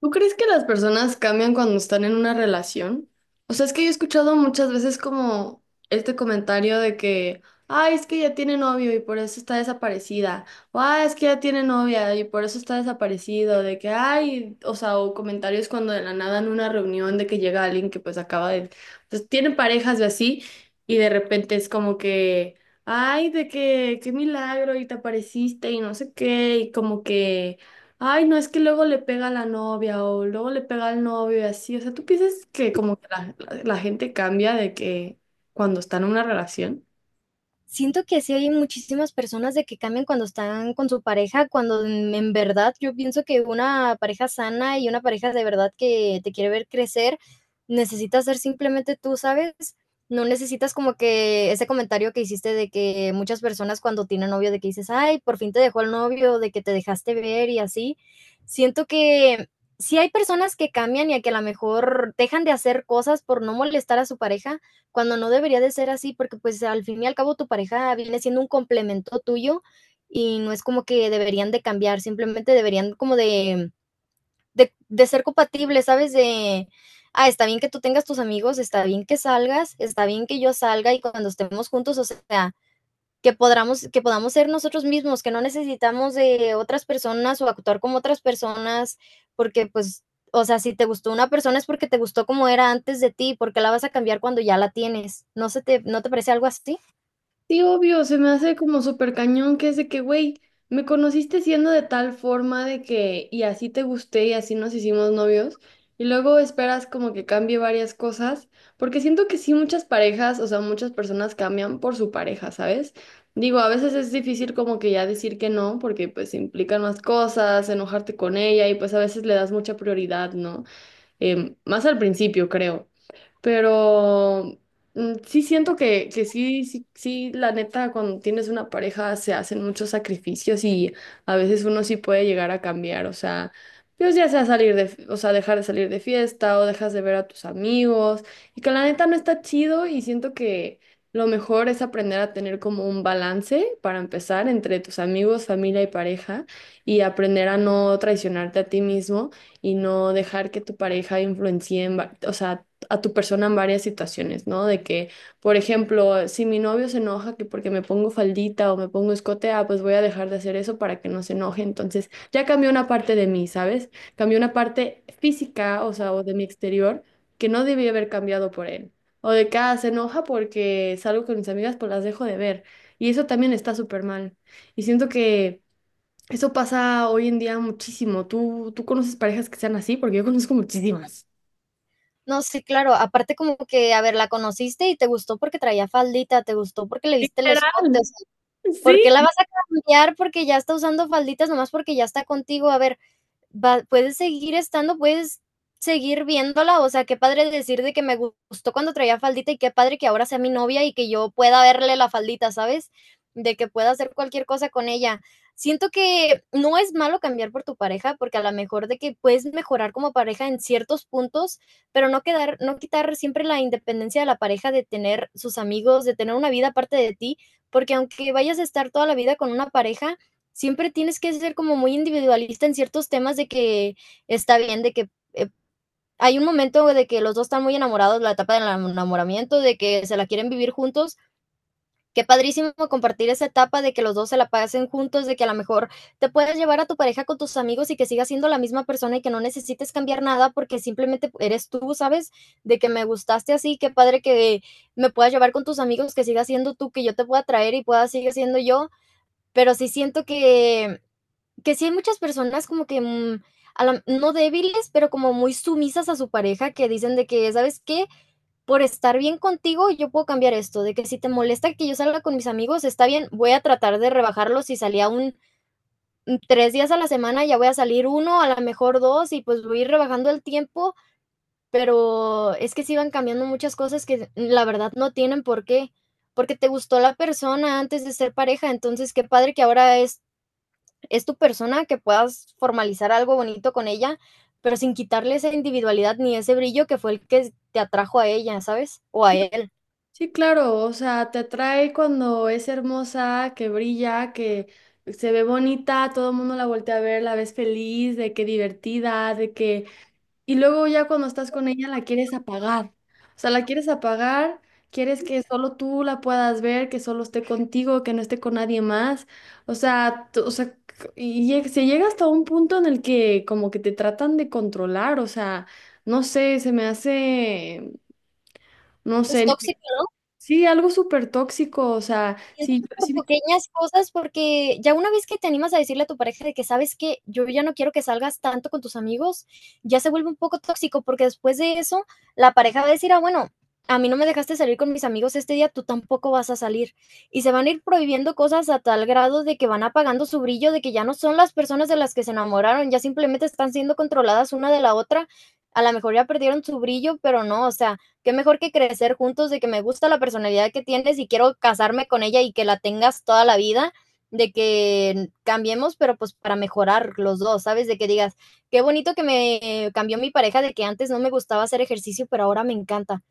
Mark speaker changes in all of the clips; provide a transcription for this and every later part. Speaker 1: ¿Tú crees que las personas cambian cuando están en una relación? O sea, es que yo he escuchado muchas veces como este comentario de que, ay, es que ya tiene novio y por eso está desaparecida. O, ay, es que ya tiene novia y por eso está desaparecido. De que, ay, o sea, o comentarios cuando de la nada en una reunión de que llega alguien que pues acaba de, pues tiene parejas y así, y de repente es como que, ay, de que, qué milagro y te apareciste y no sé qué, y como que... Ay, no, es que luego le pega a la novia o luego le pega al novio y así. O sea, ¿tú piensas que como que la gente cambia de que cuando está en una relación?
Speaker 2: Siento que sí hay muchísimas personas de que cambian cuando están con su pareja, cuando en verdad yo pienso que una pareja sana y una pareja de verdad que te quiere ver crecer, necesitas ser simplemente tú, ¿sabes? No necesitas como que ese comentario que hiciste de que muchas personas cuando tienen novio, de que dices: "Ay, por fin te dejó el novio", de que te dejaste ver y así. Siento que sí hay personas que cambian y a que a lo mejor dejan de hacer cosas por no molestar a su pareja, cuando no debería de ser así, porque pues al fin y al cabo tu pareja viene siendo un complemento tuyo y no es como que deberían de cambiar, simplemente deberían como de, de ser compatibles, ¿sabes? De, ah, está bien que tú tengas tus amigos, está bien que salgas, está bien que yo salga y cuando estemos juntos, o sea, que podamos ser nosotros mismos, que no necesitamos de otras personas o actuar como otras personas, porque pues, o sea, si te gustó una persona es porque te gustó como era antes de ti, porque la vas a cambiar cuando ya la tienes. ¿No no te parece algo así?
Speaker 1: Sí, obvio, se me hace como súper cañón que es de que, güey, me conociste siendo de tal forma de que, y así te gusté y así nos hicimos novios, y luego esperas como que cambie varias cosas, porque siento que sí muchas parejas, o sea, muchas personas cambian por su pareja, ¿sabes? Digo, a veces es difícil como que ya decir que no, porque pues implican más cosas, enojarte con ella, y pues a veces le das mucha prioridad, ¿no? Más al principio, creo. Pero sí siento que sí, sí, la neta, cuando tienes una pareja se hacen muchos sacrificios y a veces uno sí puede llegar a cambiar, o sea, pues ya sea salir de, o sea, dejar de salir de fiesta o dejas de ver a tus amigos y que la neta no está chido y siento que lo mejor es aprender a tener como un balance para empezar entre tus amigos, familia y pareja y aprender a no traicionarte a ti mismo y no dejar que tu pareja influencie en, o sea, a tu persona en varias situaciones, ¿no? De que, por ejemplo, si mi novio se enoja que porque me pongo faldita o me pongo escote, ah, pues voy a dejar de hacer eso para que no se enoje. Entonces, ya cambió una parte de mí, ¿sabes? Cambió una parte física, o sea, o de mi exterior, que no debía haber cambiado por él. O de que, ah, se enoja porque salgo con mis amigas, pues las dejo de ver. Y eso también está súper mal. Y siento que eso pasa hoy en día muchísimo. ¿Tú conoces parejas que sean así? Porque yo conozco muchísimas.
Speaker 2: No, sí, claro. Aparte como que, a ver, la conociste y te gustó porque traía faldita, te gustó porque le viste el escote, o
Speaker 1: Literal.
Speaker 2: sea, ¿por
Speaker 1: Sí.
Speaker 2: qué la vas a cambiar porque ya está usando falditas nomás porque ya está contigo? A ver, va, puedes seguir estando, puedes seguir viéndola, o sea, qué padre decir de que me gustó cuando traía faldita y qué padre que ahora sea mi novia y que yo pueda verle la faldita, ¿sabes? De que pueda hacer cualquier cosa con ella. Siento que no es malo cambiar por tu pareja, porque a lo mejor de que puedes mejorar como pareja en ciertos puntos, pero no quitar siempre la independencia de la pareja de tener sus amigos, de tener una vida aparte de ti, porque aunque vayas a estar toda la vida con una pareja, siempre tienes que ser como muy individualista en ciertos temas de que está bien, de que hay un momento de que los dos están muy enamorados, la etapa del enamoramiento, de que se la quieren vivir juntos. Qué padrísimo compartir esa etapa de que los dos se la pasen juntos, de que a lo mejor te puedas llevar a tu pareja con tus amigos y que sigas siendo la misma persona y que no necesites cambiar nada porque simplemente eres tú, ¿sabes? De que me gustaste así, qué padre que me puedas llevar con tus amigos, que sigas siendo tú, que yo te pueda traer y pueda seguir siendo yo. Pero sí siento que sí hay muchas personas como que, a la- no débiles, pero como muy sumisas a su pareja, que dicen de que, ¿sabes qué? Por estar bien contigo, yo puedo cambiar esto, de que si te molesta que yo salga con mis amigos, está bien, voy a tratar de rebajarlo. Si salía 3 días a la semana, ya voy a salir uno, a lo mejor dos, y pues voy a ir rebajando el tiempo, pero es que sí van cambiando muchas cosas que la verdad no tienen por qué, porque te gustó la persona antes de ser pareja, entonces qué padre que ahora es tu persona, que puedas formalizar algo bonito con ella, pero sin quitarle esa individualidad ni ese brillo que fue el que te atrajo a ella, ¿sabes? O a él.
Speaker 1: Sí, claro, o sea, te atrae cuando es hermosa, que brilla, que se ve bonita, todo el mundo la voltea a ver, la ves feliz, de que divertida, de que... Y luego ya cuando estás con ella la quieres apagar, o sea, la quieres apagar, quieres que solo tú la puedas ver, que solo esté contigo, que no esté con nadie más, o sea, tú- o sea, se llega hasta un punto en el que como que te tratan de controlar, o sea, no sé, se me hace... No
Speaker 2: Pues
Speaker 1: sé.
Speaker 2: tóxico, ¿no?
Speaker 1: Sí, algo súper tóxico, o sea,
Speaker 2: Siento
Speaker 1: sí,
Speaker 2: que por
Speaker 1: sí,
Speaker 2: pequeñas cosas, porque ya una vez que te animas a decirle a tu pareja de que: "¿Sabes que Yo ya no quiero que salgas tanto con tus amigos", ya se vuelve un poco tóxico, porque después de eso, la pareja va a decir: "Ah, bueno, a mí no me dejaste salir con mis amigos este día, tú tampoco vas a salir". Y se van a ir prohibiendo cosas a tal grado de que van apagando su brillo, de que ya no son las personas de las que se enamoraron, ya simplemente están siendo controladas una de la otra. A la mejor ya perdieron su brillo, pero no, o sea, qué mejor que crecer juntos, de que me gusta la personalidad que tienes y quiero casarme con ella y que la tengas toda la vida, de que cambiemos, pero pues para mejorar los dos, ¿sabes? De que digas, qué bonito que me cambió mi pareja, de que antes no me gustaba hacer ejercicio, pero ahora me encanta.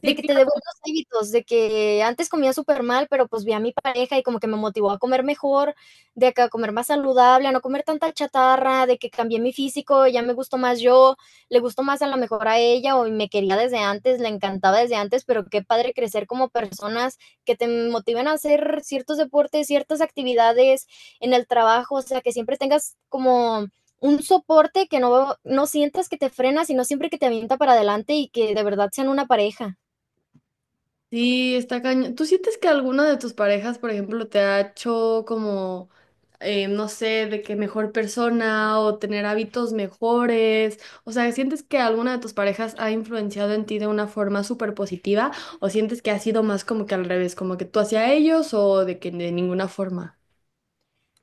Speaker 2: De
Speaker 1: sí,
Speaker 2: que te
Speaker 1: claro,
Speaker 2: devuelvas hábitos, de que antes comía súper mal, pero pues vi a mi pareja y como que me motivó a comer mejor, de que a comer más saludable, a no comer tanta chatarra, de que cambié mi físico, ya me gustó más yo, le gustó más a lo mejor a ella o me quería desde antes, le encantaba desde antes, pero qué padre crecer como personas que te motiven a hacer ciertos deportes, ciertas actividades en el trabajo, o sea, que siempre tengas como un soporte que no, no sientas que te frena, sino siempre que te avienta para adelante y que de verdad sean una pareja.
Speaker 1: sí, está cañón. ¿Tú sientes que alguna de tus parejas, por ejemplo, te ha hecho como, no sé, de que mejor persona o tener hábitos mejores? O sea, ¿sientes que alguna de tus parejas ha influenciado en ti de una forma súper positiva o sientes que ha sido más como que al revés, como que tú hacia ellos o de que de ninguna forma?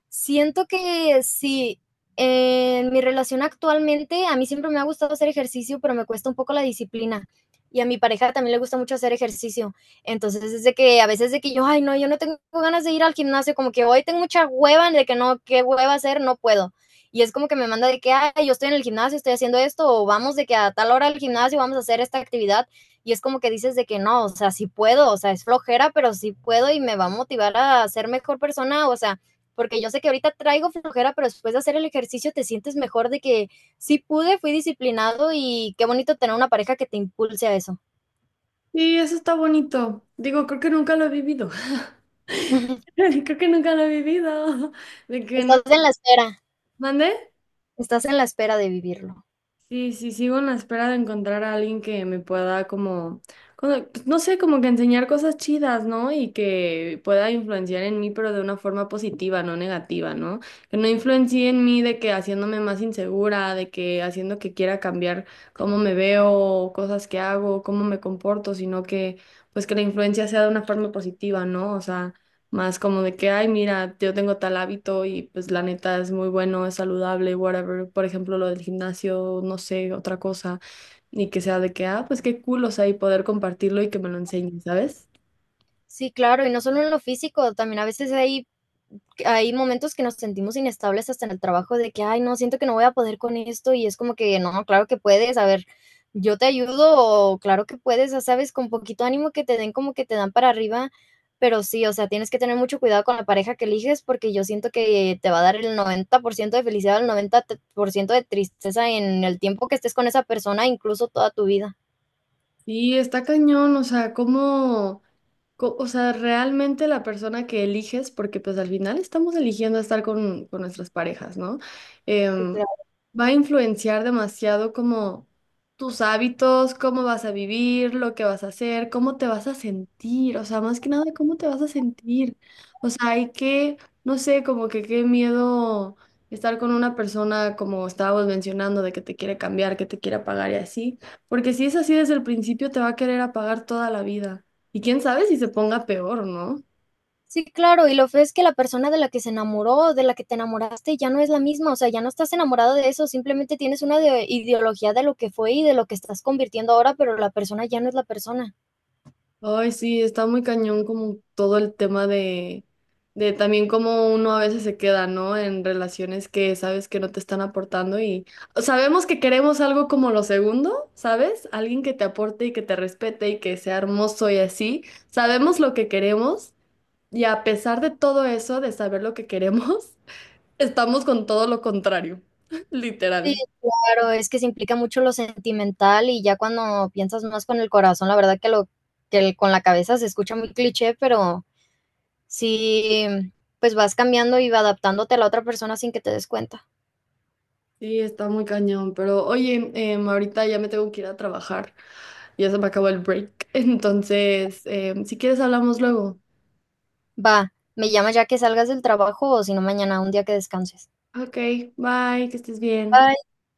Speaker 2: Siento que sí, en mi relación actualmente, a mí siempre me ha gustado hacer ejercicio, pero me cuesta un poco la disciplina. Y a mi pareja también le gusta mucho hacer ejercicio. Entonces es de que a veces de que yo, ay, no, yo no tengo ganas de ir al gimnasio, como que hoy tengo mucha hueva, de que no, qué hueva hacer, no puedo. Y es como que me manda de que, ay, yo estoy en el gimnasio, estoy haciendo esto, o vamos de que a tal hora al gimnasio vamos a hacer esta actividad. Y es como que dices de que no, o sea, sí puedo, o sea, es flojera, pero sí puedo y me va a motivar a ser mejor persona, o sea, porque yo sé que ahorita traigo flojera, pero después de hacer el ejercicio te sientes mejor de que sí pude, fui disciplinado y qué bonito tener una pareja que te impulse a eso.
Speaker 1: Sí, eso está bonito. Digo, creo que nunca lo he vivido. Creo que nunca lo he vivido. De que...
Speaker 2: Estás en la espera,
Speaker 1: ¿Mande?
Speaker 2: estás en la espera de vivirlo.
Speaker 1: Sí, sí, sigo en la espera de encontrar a alguien que me pueda como, pues, no sé, como que enseñar cosas chidas, ¿no? Y que pueda influenciar en mí, pero de una forma positiva, no negativa, ¿no? Que no influencie en mí de que haciéndome más insegura, de que haciendo que quiera cambiar cómo me veo, cosas que hago, cómo me comporto, sino que pues que la influencia sea de una forma positiva, ¿no? O sea... Más como de que, ay, mira, yo tengo tal hábito y pues la neta es muy bueno, es saludable, whatever. Por ejemplo, lo del gimnasio, no sé, otra cosa. Y que sea de que, ah, pues qué cool, o sea, y poder compartirlo y que me lo enseñen, ¿sabes?
Speaker 2: Sí, claro, y no solo en lo físico, también a veces hay momentos que nos sentimos inestables hasta en el trabajo de que, ay, no, siento que no voy a poder con esto y es como que, no, claro que puedes, a ver, yo te ayudo o claro que puedes, ya sabes, con poquito ánimo que te den como que te dan para arriba, pero sí, o sea, tienes que tener mucho cuidado con la pareja que eliges porque yo siento que te va a dar el 90% de felicidad, el 90% de tristeza en el tiempo que estés con esa persona, incluso toda tu vida.
Speaker 1: Sí, está cañón, o sea, cómo, o sea, realmente la persona que eliges, porque pues al final estamos eligiendo estar con nuestras parejas, ¿no?
Speaker 2: Sí,
Speaker 1: Em,
Speaker 2: claro.
Speaker 1: va a influenciar demasiado como tus hábitos, cómo vas a vivir, lo que vas a hacer, cómo te vas a sentir, o sea, más que nada, cómo te vas a sentir. O sea, hay que, no sé, como que qué miedo estar con una persona como estábamos mencionando, de que te quiere cambiar, que te quiere pagar y así. Porque si es así desde el principio, te va a querer apagar toda la vida. Y quién sabe si se ponga peor, ¿no?
Speaker 2: Sí, claro, y lo feo es que la persona de la que se enamoró, de la que te enamoraste, ya no es la misma, o sea, ya no estás enamorado de eso, simplemente tienes una de- ideología de lo que fue y de lo que estás convirtiendo ahora, pero la persona ya no es la persona.
Speaker 1: Ay, sí, está muy cañón como todo el tema de también cómo uno a veces se queda, ¿no? En relaciones que sabes que no te están aportando y sabemos que queremos algo como lo segundo, ¿sabes? Alguien que te aporte y que te respete y que sea hermoso y así. Sabemos lo que queremos y a pesar de todo eso, de saber lo que queremos, estamos con todo lo contrario,
Speaker 2: Sí,
Speaker 1: literal.
Speaker 2: claro, es que se implica mucho lo sentimental y ya cuando piensas más con el corazón, la verdad que lo que el- con la cabeza se escucha muy cliché, pero sí, pues vas cambiando y va adaptándote a la otra persona sin que te des cuenta.
Speaker 1: Sí, está muy cañón, pero oye, ahorita ya me tengo que ir a trabajar, ya se me acabó el break, entonces, si quieres hablamos luego.
Speaker 2: Va, me llamas ya que salgas del trabajo o si no mañana, un día que descanses.
Speaker 1: Ok, bye, que estés bien.
Speaker 2: Bye.